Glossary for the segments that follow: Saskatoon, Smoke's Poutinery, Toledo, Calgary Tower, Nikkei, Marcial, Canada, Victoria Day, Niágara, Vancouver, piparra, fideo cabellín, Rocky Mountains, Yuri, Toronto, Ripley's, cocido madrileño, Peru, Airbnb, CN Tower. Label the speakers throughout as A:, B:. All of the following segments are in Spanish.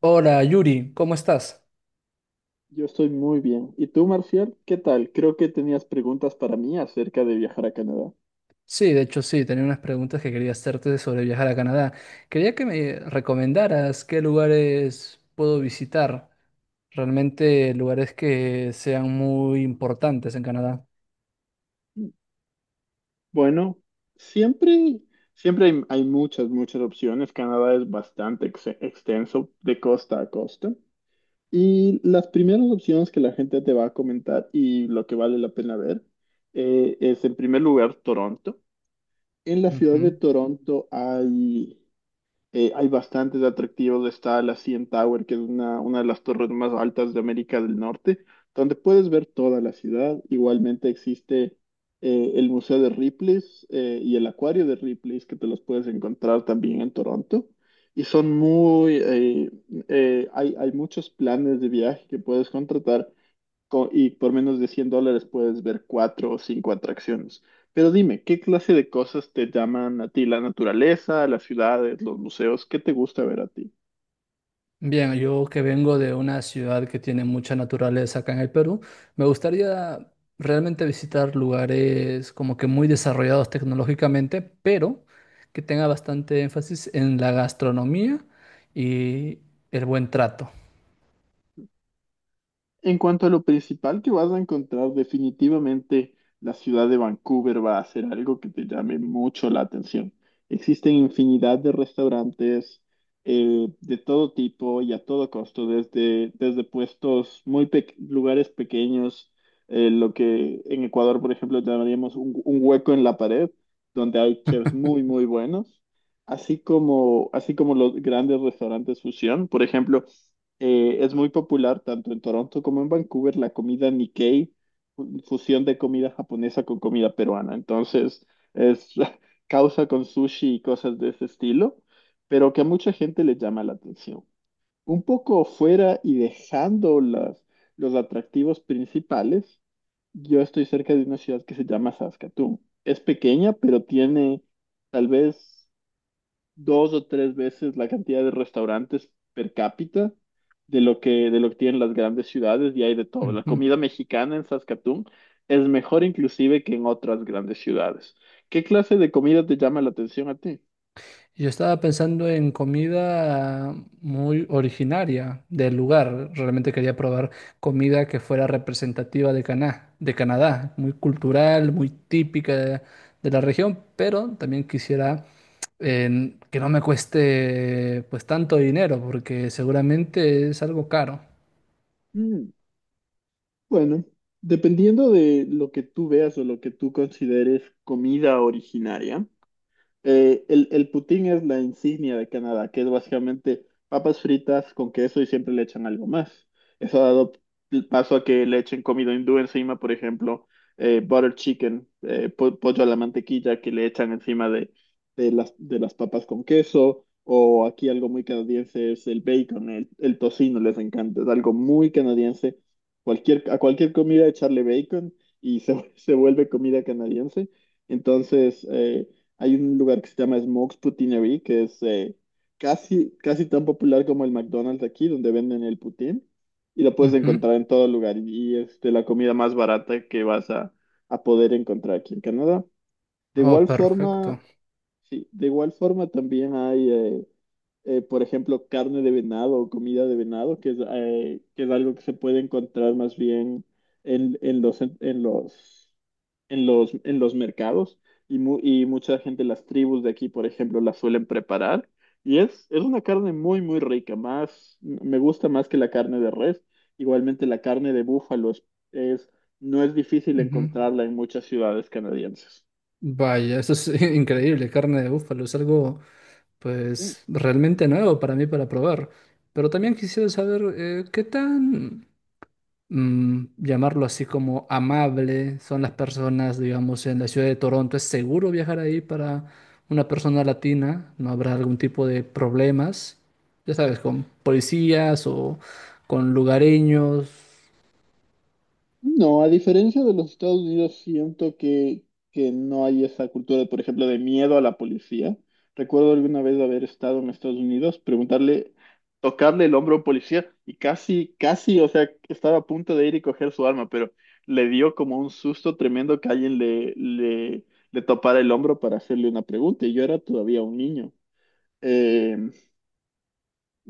A: Hola Yuri, ¿cómo estás?
B: Yo estoy muy bien. ¿Y tú, Marcial? ¿Qué tal? Creo que tenías preguntas para mí acerca de viajar a Canadá.
A: Sí, de hecho sí, tenía unas preguntas que quería hacerte sobre viajar a Canadá. Quería que me recomendaras qué lugares puedo visitar, realmente lugares que sean muy importantes en Canadá.
B: Bueno, siempre, siempre hay muchas opciones. Canadá es bastante extenso de costa a costa. Y las primeras opciones que la gente te va a comentar y lo que vale la pena ver es, en primer lugar, Toronto. En la ciudad de
A: Ujú.
B: Toronto hay hay bastantes atractivos. Está la CN Tower, que es una de las torres más altas de América del Norte, donde puedes ver toda la ciudad. Igualmente existe el Museo de Ripley's y el Acuario de Ripley's, que te los puedes encontrar también en Toronto. Y son hay muchos planes de viaje que puedes contratar y por menos de $100 puedes ver cuatro o cinco atracciones. Pero dime, ¿qué clase de cosas te llaman a ti? ¿La naturaleza, las ciudades, los museos? ¿Qué te gusta ver a ti?
A: Bien, yo que vengo de una ciudad que tiene mucha naturaleza acá en el Perú, me gustaría realmente visitar lugares como que muy desarrollados tecnológicamente, pero que tenga bastante énfasis en la gastronomía y el buen trato.
B: En cuanto a lo principal que vas a encontrar, definitivamente la ciudad de Vancouver va a ser algo que te llame mucho la atención. Existen infinidad de restaurantes de todo tipo y a todo costo, desde puestos lugares pequeños, lo que en Ecuador, por ejemplo, llamaríamos un hueco en la pared, donde hay chefs muy, muy buenos, así como los grandes restaurantes fusión, por ejemplo. Es muy popular tanto en Toronto como en Vancouver la comida Nikkei, fusión de comida japonesa con comida peruana. Entonces, es causa con sushi y cosas de ese estilo, pero que a mucha gente le llama la atención. Un poco fuera y dejando los atractivos principales, yo estoy cerca de una ciudad que se llama Saskatoon. Es pequeña, pero tiene tal vez dos o tres veces la cantidad de restaurantes per cápita de lo de lo que tienen las grandes ciudades y hay de todo. La
A: Ujú.
B: comida mexicana en Saskatoon es mejor inclusive que en otras grandes ciudades. ¿Qué clase de comida te llama la atención a ti?
A: Yo estaba pensando en comida muy originaria del lugar. Realmente quería probar comida que fuera representativa de de Canadá, muy cultural, muy típica de la región, pero también quisiera que no me cueste pues tanto dinero, porque seguramente es algo caro.
B: Mm, bueno, dependiendo de lo que tú veas o lo que tú consideres comida originaria. El poutine es la insignia de Canadá, que es básicamente papas fritas con queso y siempre le echan algo más. Eso ha dado paso a que le echen comida hindú encima, por ejemplo, butter chicken, pollo a la mantequilla que le echan encima de las papas con queso. O aquí algo muy canadiense es el bacon, el tocino, les encanta. Es algo muy canadiense. A cualquier comida echarle bacon y se vuelve comida canadiense. Entonces, hay un lugar que se llama Smoke's Poutinery, que es casi tan popular como el McDonald's aquí, donde venden el poutine, y lo puedes
A: Ujú.
B: encontrar en todo lugar, y es de la comida más barata que vas a poder encontrar aquí en Canadá. De
A: Oh,
B: igual
A: perfecto.
B: forma, sí, de igual forma también hay, por ejemplo, carne de venado o comida de venado, que que es algo que se puede encontrar más bien en, en los, en los, en los mercados y, y mucha gente, las tribus de aquí, por ejemplo, la suelen preparar. Y es una carne muy, muy rica, más, me gusta más que la carne de res. Igualmente la carne de búfalo es- no es difícil
A: Ujú.
B: encontrarla en muchas ciudades canadienses.
A: Vaya, eso es increíble. Carne de búfalo es algo pues realmente nuevo para mí para probar. Pero también quisiera saber qué tan, llamarlo así como amable son las personas, digamos, en la ciudad de Toronto. ¿Es seguro viajar ahí para una persona latina? ¿No habrá algún tipo de problemas? Ya sabes, con policías o con lugareños.
B: No, a diferencia de los Estados Unidos, siento que no hay esa cultura, por ejemplo, de miedo a la policía. Recuerdo alguna vez haber estado en Estados Unidos, preguntarle, tocarle el hombro a un policía y casi, o sea, estaba a punto de ir y coger su arma, pero le dio como un susto tremendo que alguien le topara el hombro para hacerle una pregunta y yo era todavía un niño. Eh,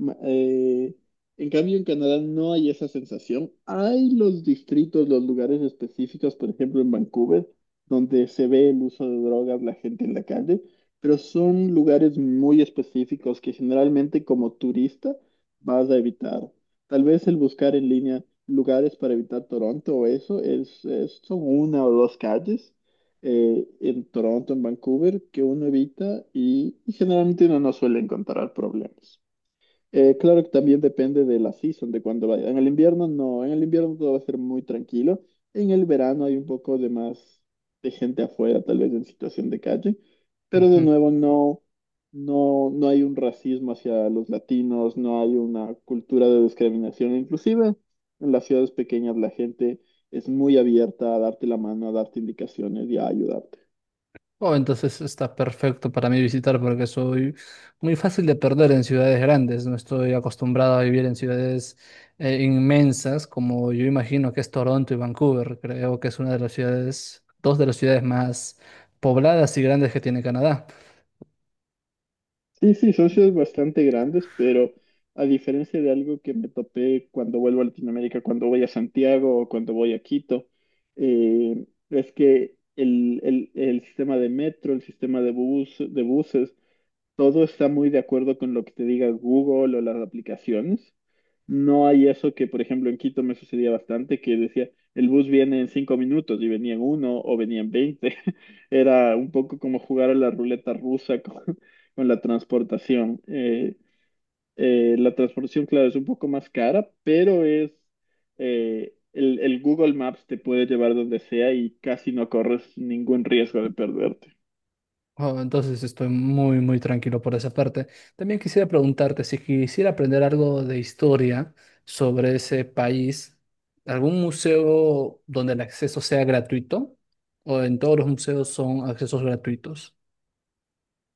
B: Ma- eh, en cambio, en Canadá no hay esa sensación. Hay los distritos, los lugares específicos, por ejemplo, en Vancouver, donde se ve el uso de drogas, la gente en la calle, pero son lugares muy específicos que generalmente como turista vas a evitar. Tal vez el buscar en línea lugares para evitar Toronto o eso son una o dos calles. En Toronto, en Vancouver, que uno evita y generalmente uno no suele encontrar problemas. Claro que también depende de la season, de cuando vaya. En el invierno no, en el invierno todo va a ser muy tranquilo. En el verano hay un poco de más de gente afuera, tal vez en situación de calle, pero de
A: Ujú.
B: nuevo no, no hay un racismo hacia los latinos, no hay una cultura de discriminación. Inclusive en las ciudades pequeñas la gente es muy abierta a darte la mano, a darte indicaciones y a ayudarte.
A: Oh, entonces está perfecto para mí visitar porque soy muy fácil de perder en ciudades grandes. No estoy acostumbrado a vivir en ciudades inmensas como yo imagino que es Toronto y Vancouver. Creo que es una de las ciudades, dos de las ciudades más pobladas y grandes que tiene Canadá.
B: Sí, sí, son ciudades bastante grandes, pero a diferencia de algo que me topé cuando vuelvo a Latinoamérica, cuando voy a Santiago o cuando voy a Quito, es que el sistema de metro, el sistema de de buses todo está muy de acuerdo con lo que te diga Google o las aplicaciones. No hay eso que, por ejemplo, en Quito me sucedía bastante, que decía, el bus viene en cinco minutos y venía en uno o venía en veinte. Era un poco como jugar a la ruleta rusa con, con la transportación. La transportación, claro, es un poco más cara, pero es... el Google Maps te puede llevar donde sea y casi no corres ningún riesgo de perderte.
A: Oh, entonces estoy muy, muy tranquilo por esa parte. También quisiera preguntarte si quisiera aprender algo de historia sobre ese país, ¿algún museo donde el acceso sea gratuito? ¿O en todos los museos son accesos gratuitos?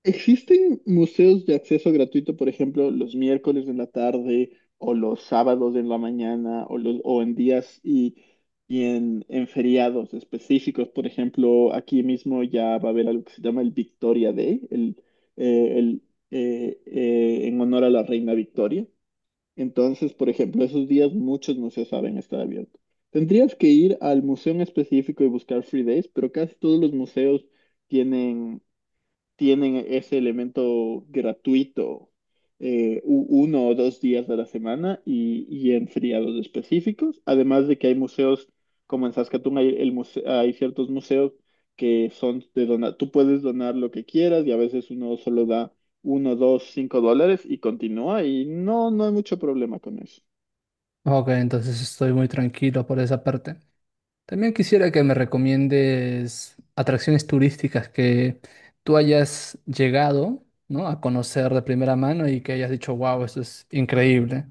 B: ¿Existen museos de acceso gratuito, por ejemplo, los miércoles en la tarde o los sábados en la mañana o en y en feriados específicos? Por ejemplo, aquí mismo ya va a haber algo que se llama el Victoria Day, eh, el, en honor a la reina Victoria. Entonces, por ejemplo, esos días muchos museos saben estar abiertos. Tendrías que ir al museo en específico y buscar free days, pero casi todos los museos tienen tienen ese elemento gratuito uno o dos días de la semana y en feriados específicos. Además de que hay museos, como en Saskatoon hay, hay ciertos museos que son de donar, tú puedes donar lo que quieras y a veces uno solo da uno, dos, cinco dólares y continúa y no, no hay mucho problema con eso.
A: Ok, entonces estoy muy tranquilo por esa parte. También quisiera que me recomiendes atracciones turísticas que tú hayas llegado, ¿no?, a conocer de primera mano y que hayas dicho, wow, esto es increíble.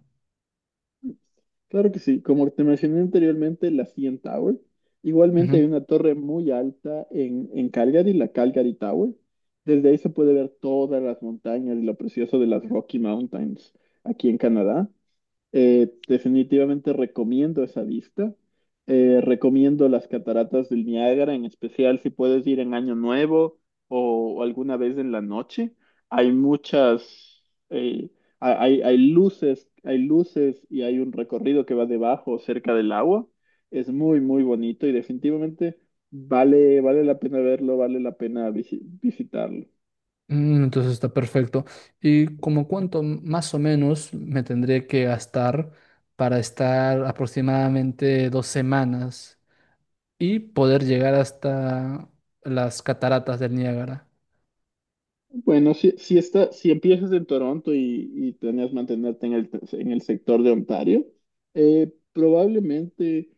B: Claro que sí, como te mencioné anteriormente, la CN Tower. Igualmente hay
A: Ujú.
B: una torre muy alta en Calgary, la Calgary Tower. Desde ahí se puede ver todas las montañas y lo precioso de las Rocky Mountains aquí en Canadá. Definitivamente recomiendo esa vista. Recomiendo las cataratas del Niágara, en especial si puedes ir en Año Nuevo o alguna vez en la noche. Hay eh, hay luces y hay un recorrido que va debajo, cerca del agua. Es muy, muy bonito y definitivamente vale la pena verlo, vale la pena visitarlo.
A: Mm, entonces está perfecto. ¿Y como cuánto más o menos me tendré que gastar para estar aproximadamente 2 semanas y poder llegar hasta las cataratas del Niágara?
B: Bueno, si empiezas en Toronto y planeas mantenerte en en el sector de Ontario, eh, probablemente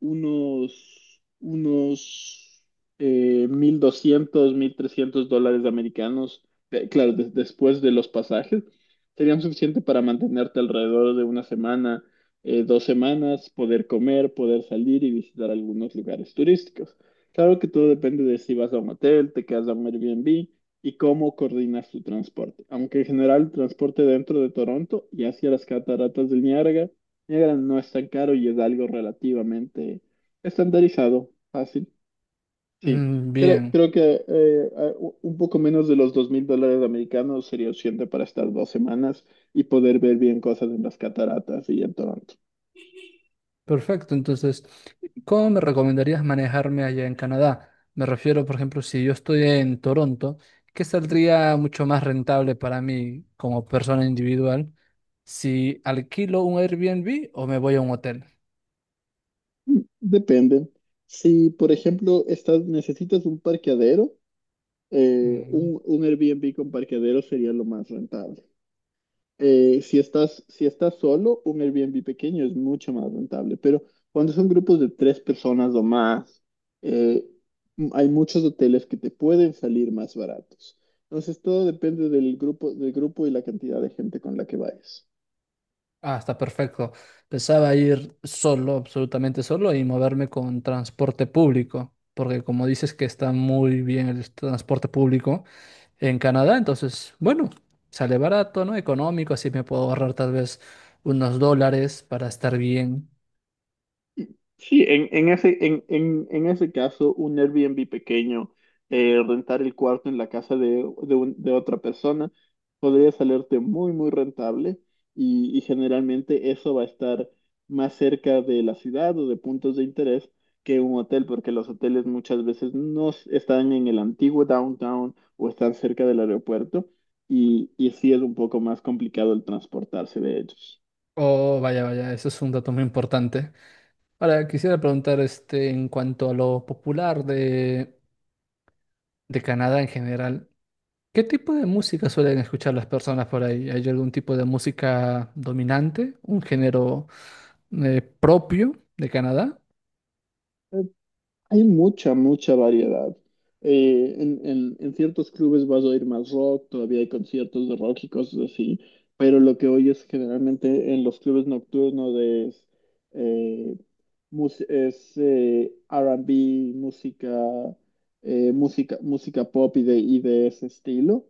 B: unos 1.200, $1.300 americanos, claro, después de los pasajes, serían suficiente para mantenerte alrededor de una semana, dos semanas, poder comer, poder salir y visitar algunos lugares turísticos. Claro que todo depende de si vas a un hotel, te quedas a un Airbnb y cómo coordinar su transporte. Aunque en general el transporte dentro de Toronto y hacia las cataratas del Niágara no es tan caro y es algo relativamente estandarizado, fácil. Sí,
A: Mm, bien,
B: creo que un poco menos de los $2.000 americanos sería suficiente para estar dos semanas y poder ver bien cosas en las cataratas y en Toronto.
A: perfecto. Entonces, ¿cómo me recomendarías manejarme allá en Canadá? Me refiero, por ejemplo, si yo estoy en Toronto, ¿qué saldría mucho más rentable para mí como persona individual? ¿Si alquilo un Airbnb o me voy a un hotel?
B: Mm, depende. Si, por ejemplo, necesitas un parqueadero,
A: Mm.
B: un Airbnb con parqueadero sería lo más rentable. Si estás solo, un Airbnb pequeño es mucho más rentable, pero cuando son grupos de tres personas o más, eh, hay muchos hoteles que te pueden salir más baratos. Entonces, todo depende del grupo y la cantidad de gente con la que vayas.
A: Ah, está perfecto. Pensaba ir solo, absolutamente solo, y moverme con transporte público, porque como dices que está muy bien el transporte público en Canadá. Entonces, bueno, sale barato, ¿no? Económico, así me puedo ahorrar tal vez unos dólares para estar bien.
B: Sí, en ese caso, un Airbnb pequeño, rentar el cuarto en la casa de otra persona, podría salirte muy, muy rentable y generalmente eso va a estar más cerca de la ciudad o de puntos de interés que un hotel, porque los hoteles muchas veces no s- están en el antiguo downtown o están cerca del aeropuerto y sí es un poco más complicado el transportarse de ellos.
A: Oh, vaya, vaya, eso es un dato muy importante. Ahora, quisiera preguntar, este, en cuanto a lo popular de Canadá en general, ¿qué tipo de música suelen escuchar las personas por ahí? ¿Hay algún tipo de música dominante? ¿Un género propio de Canadá?
B: Hay mucha, mucha variedad. En ciertos clubes vas a oír más rock, todavía hay conciertos de rock y cosas así, pero lo que oyes generalmente en los clubes nocturnos eh, es R&B, música, música pop y de ese estilo.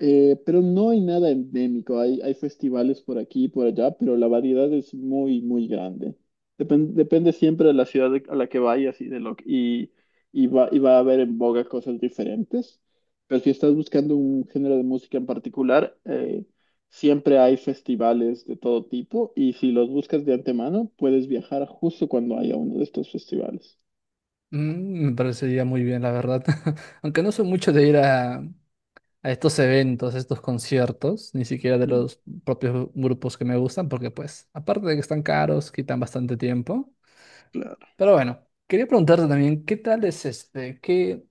B: Pero no hay nada endémico, hay festivales por aquí y por allá, pero la variedad es muy, muy grande. Depende siempre de la ciudad a la que vayas y de lo y y va a haber en boga cosas diferentes. Pero si estás buscando un género de música en particular, siempre hay festivales de todo tipo y si los buscas de antemano, puedes viajar justo cuando haya uno de estos festivales.
A: Mm, me parecería muy bien, la verdad. Aunque no soy mucho de ir a estos eventos, a estos conciertos, ni siquiera de
B: Mm,
A: los propios grupos que me gustan, porque pues, aparte de que están caros, quitan bastante tiempo.
B: claro.
A: Pero bueno, quería preguntarte también, ¿qué tal es este? ¿Qué,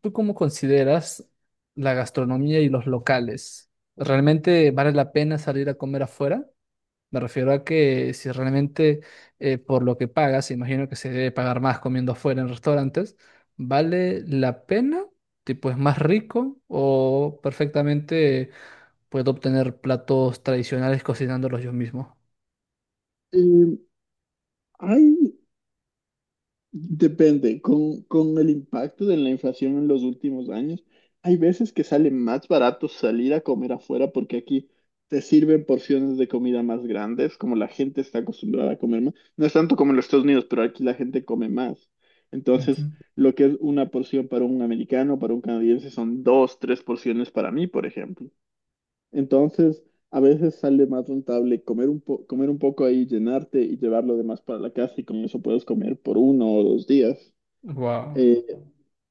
A: tú cómo consideras la gastronomía y los locales? ¿Realmente vale la pena salir a comer afuera? Me refiero a que si realmente por lo que pagas, imagino que se debe pagar más comiendo afuera en restaurantes, ¿vale la pena? Tipo, ¿es más rico o perfectamente puedo obtener platos tradicionales cocinándolos yo mismo?
B: Eh, hay Depende, con el impacto de la inflación en los últimos años, hay veces que sale más barato salir a comer afuera porque aquí te sirven porciones de comida más grandes, como la gente está acostumbrada a comer más. No es tanto como en los Estados Unidos, pero aquí la gente come más. Entonces, lo que es una porción para un americano, para un canadiense, son dos, tres porciones para mí, por ejemplo. Entonces, a veces sale más rentable comer un poco ahí, llenarte y llevar lo demás para la casa y con eso puedes comer por uno o dos días.
A: Wow.
B: Eh,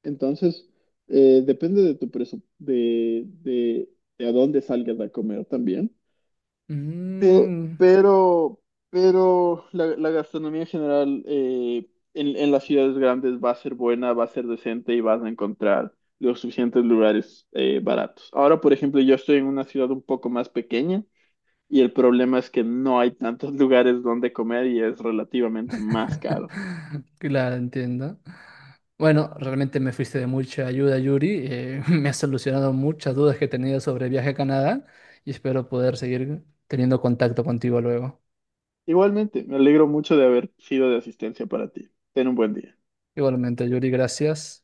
B: entonces, depende de tu de a dónde salgas a comer también. Pe-
A: Mm.
B: Pero, pero la gastronomía en general en las ciudades grandes va a ser buena, va a ser decente y vas a encontrar los suficientes lugares baratos. Ahora, por ejemplo, yo estoy en una ciudad un poco más pequeña. Y el problema es que no hay tantos lugares donde comer y es relativamente más caro.
A: Claro, entiendo. Bueno, realmente me fuiste de mucha ayuda, Yuri. Me has solucionado muchas dudas que tenía sobre el viaje a Canadá y espero poder seguir teniendo contacto contigo luego.
B: Igualmente, me alegro mucho de haber sido de asistencia para ti. Ten un buen día.
A: Igualmente, Yuri, gracias.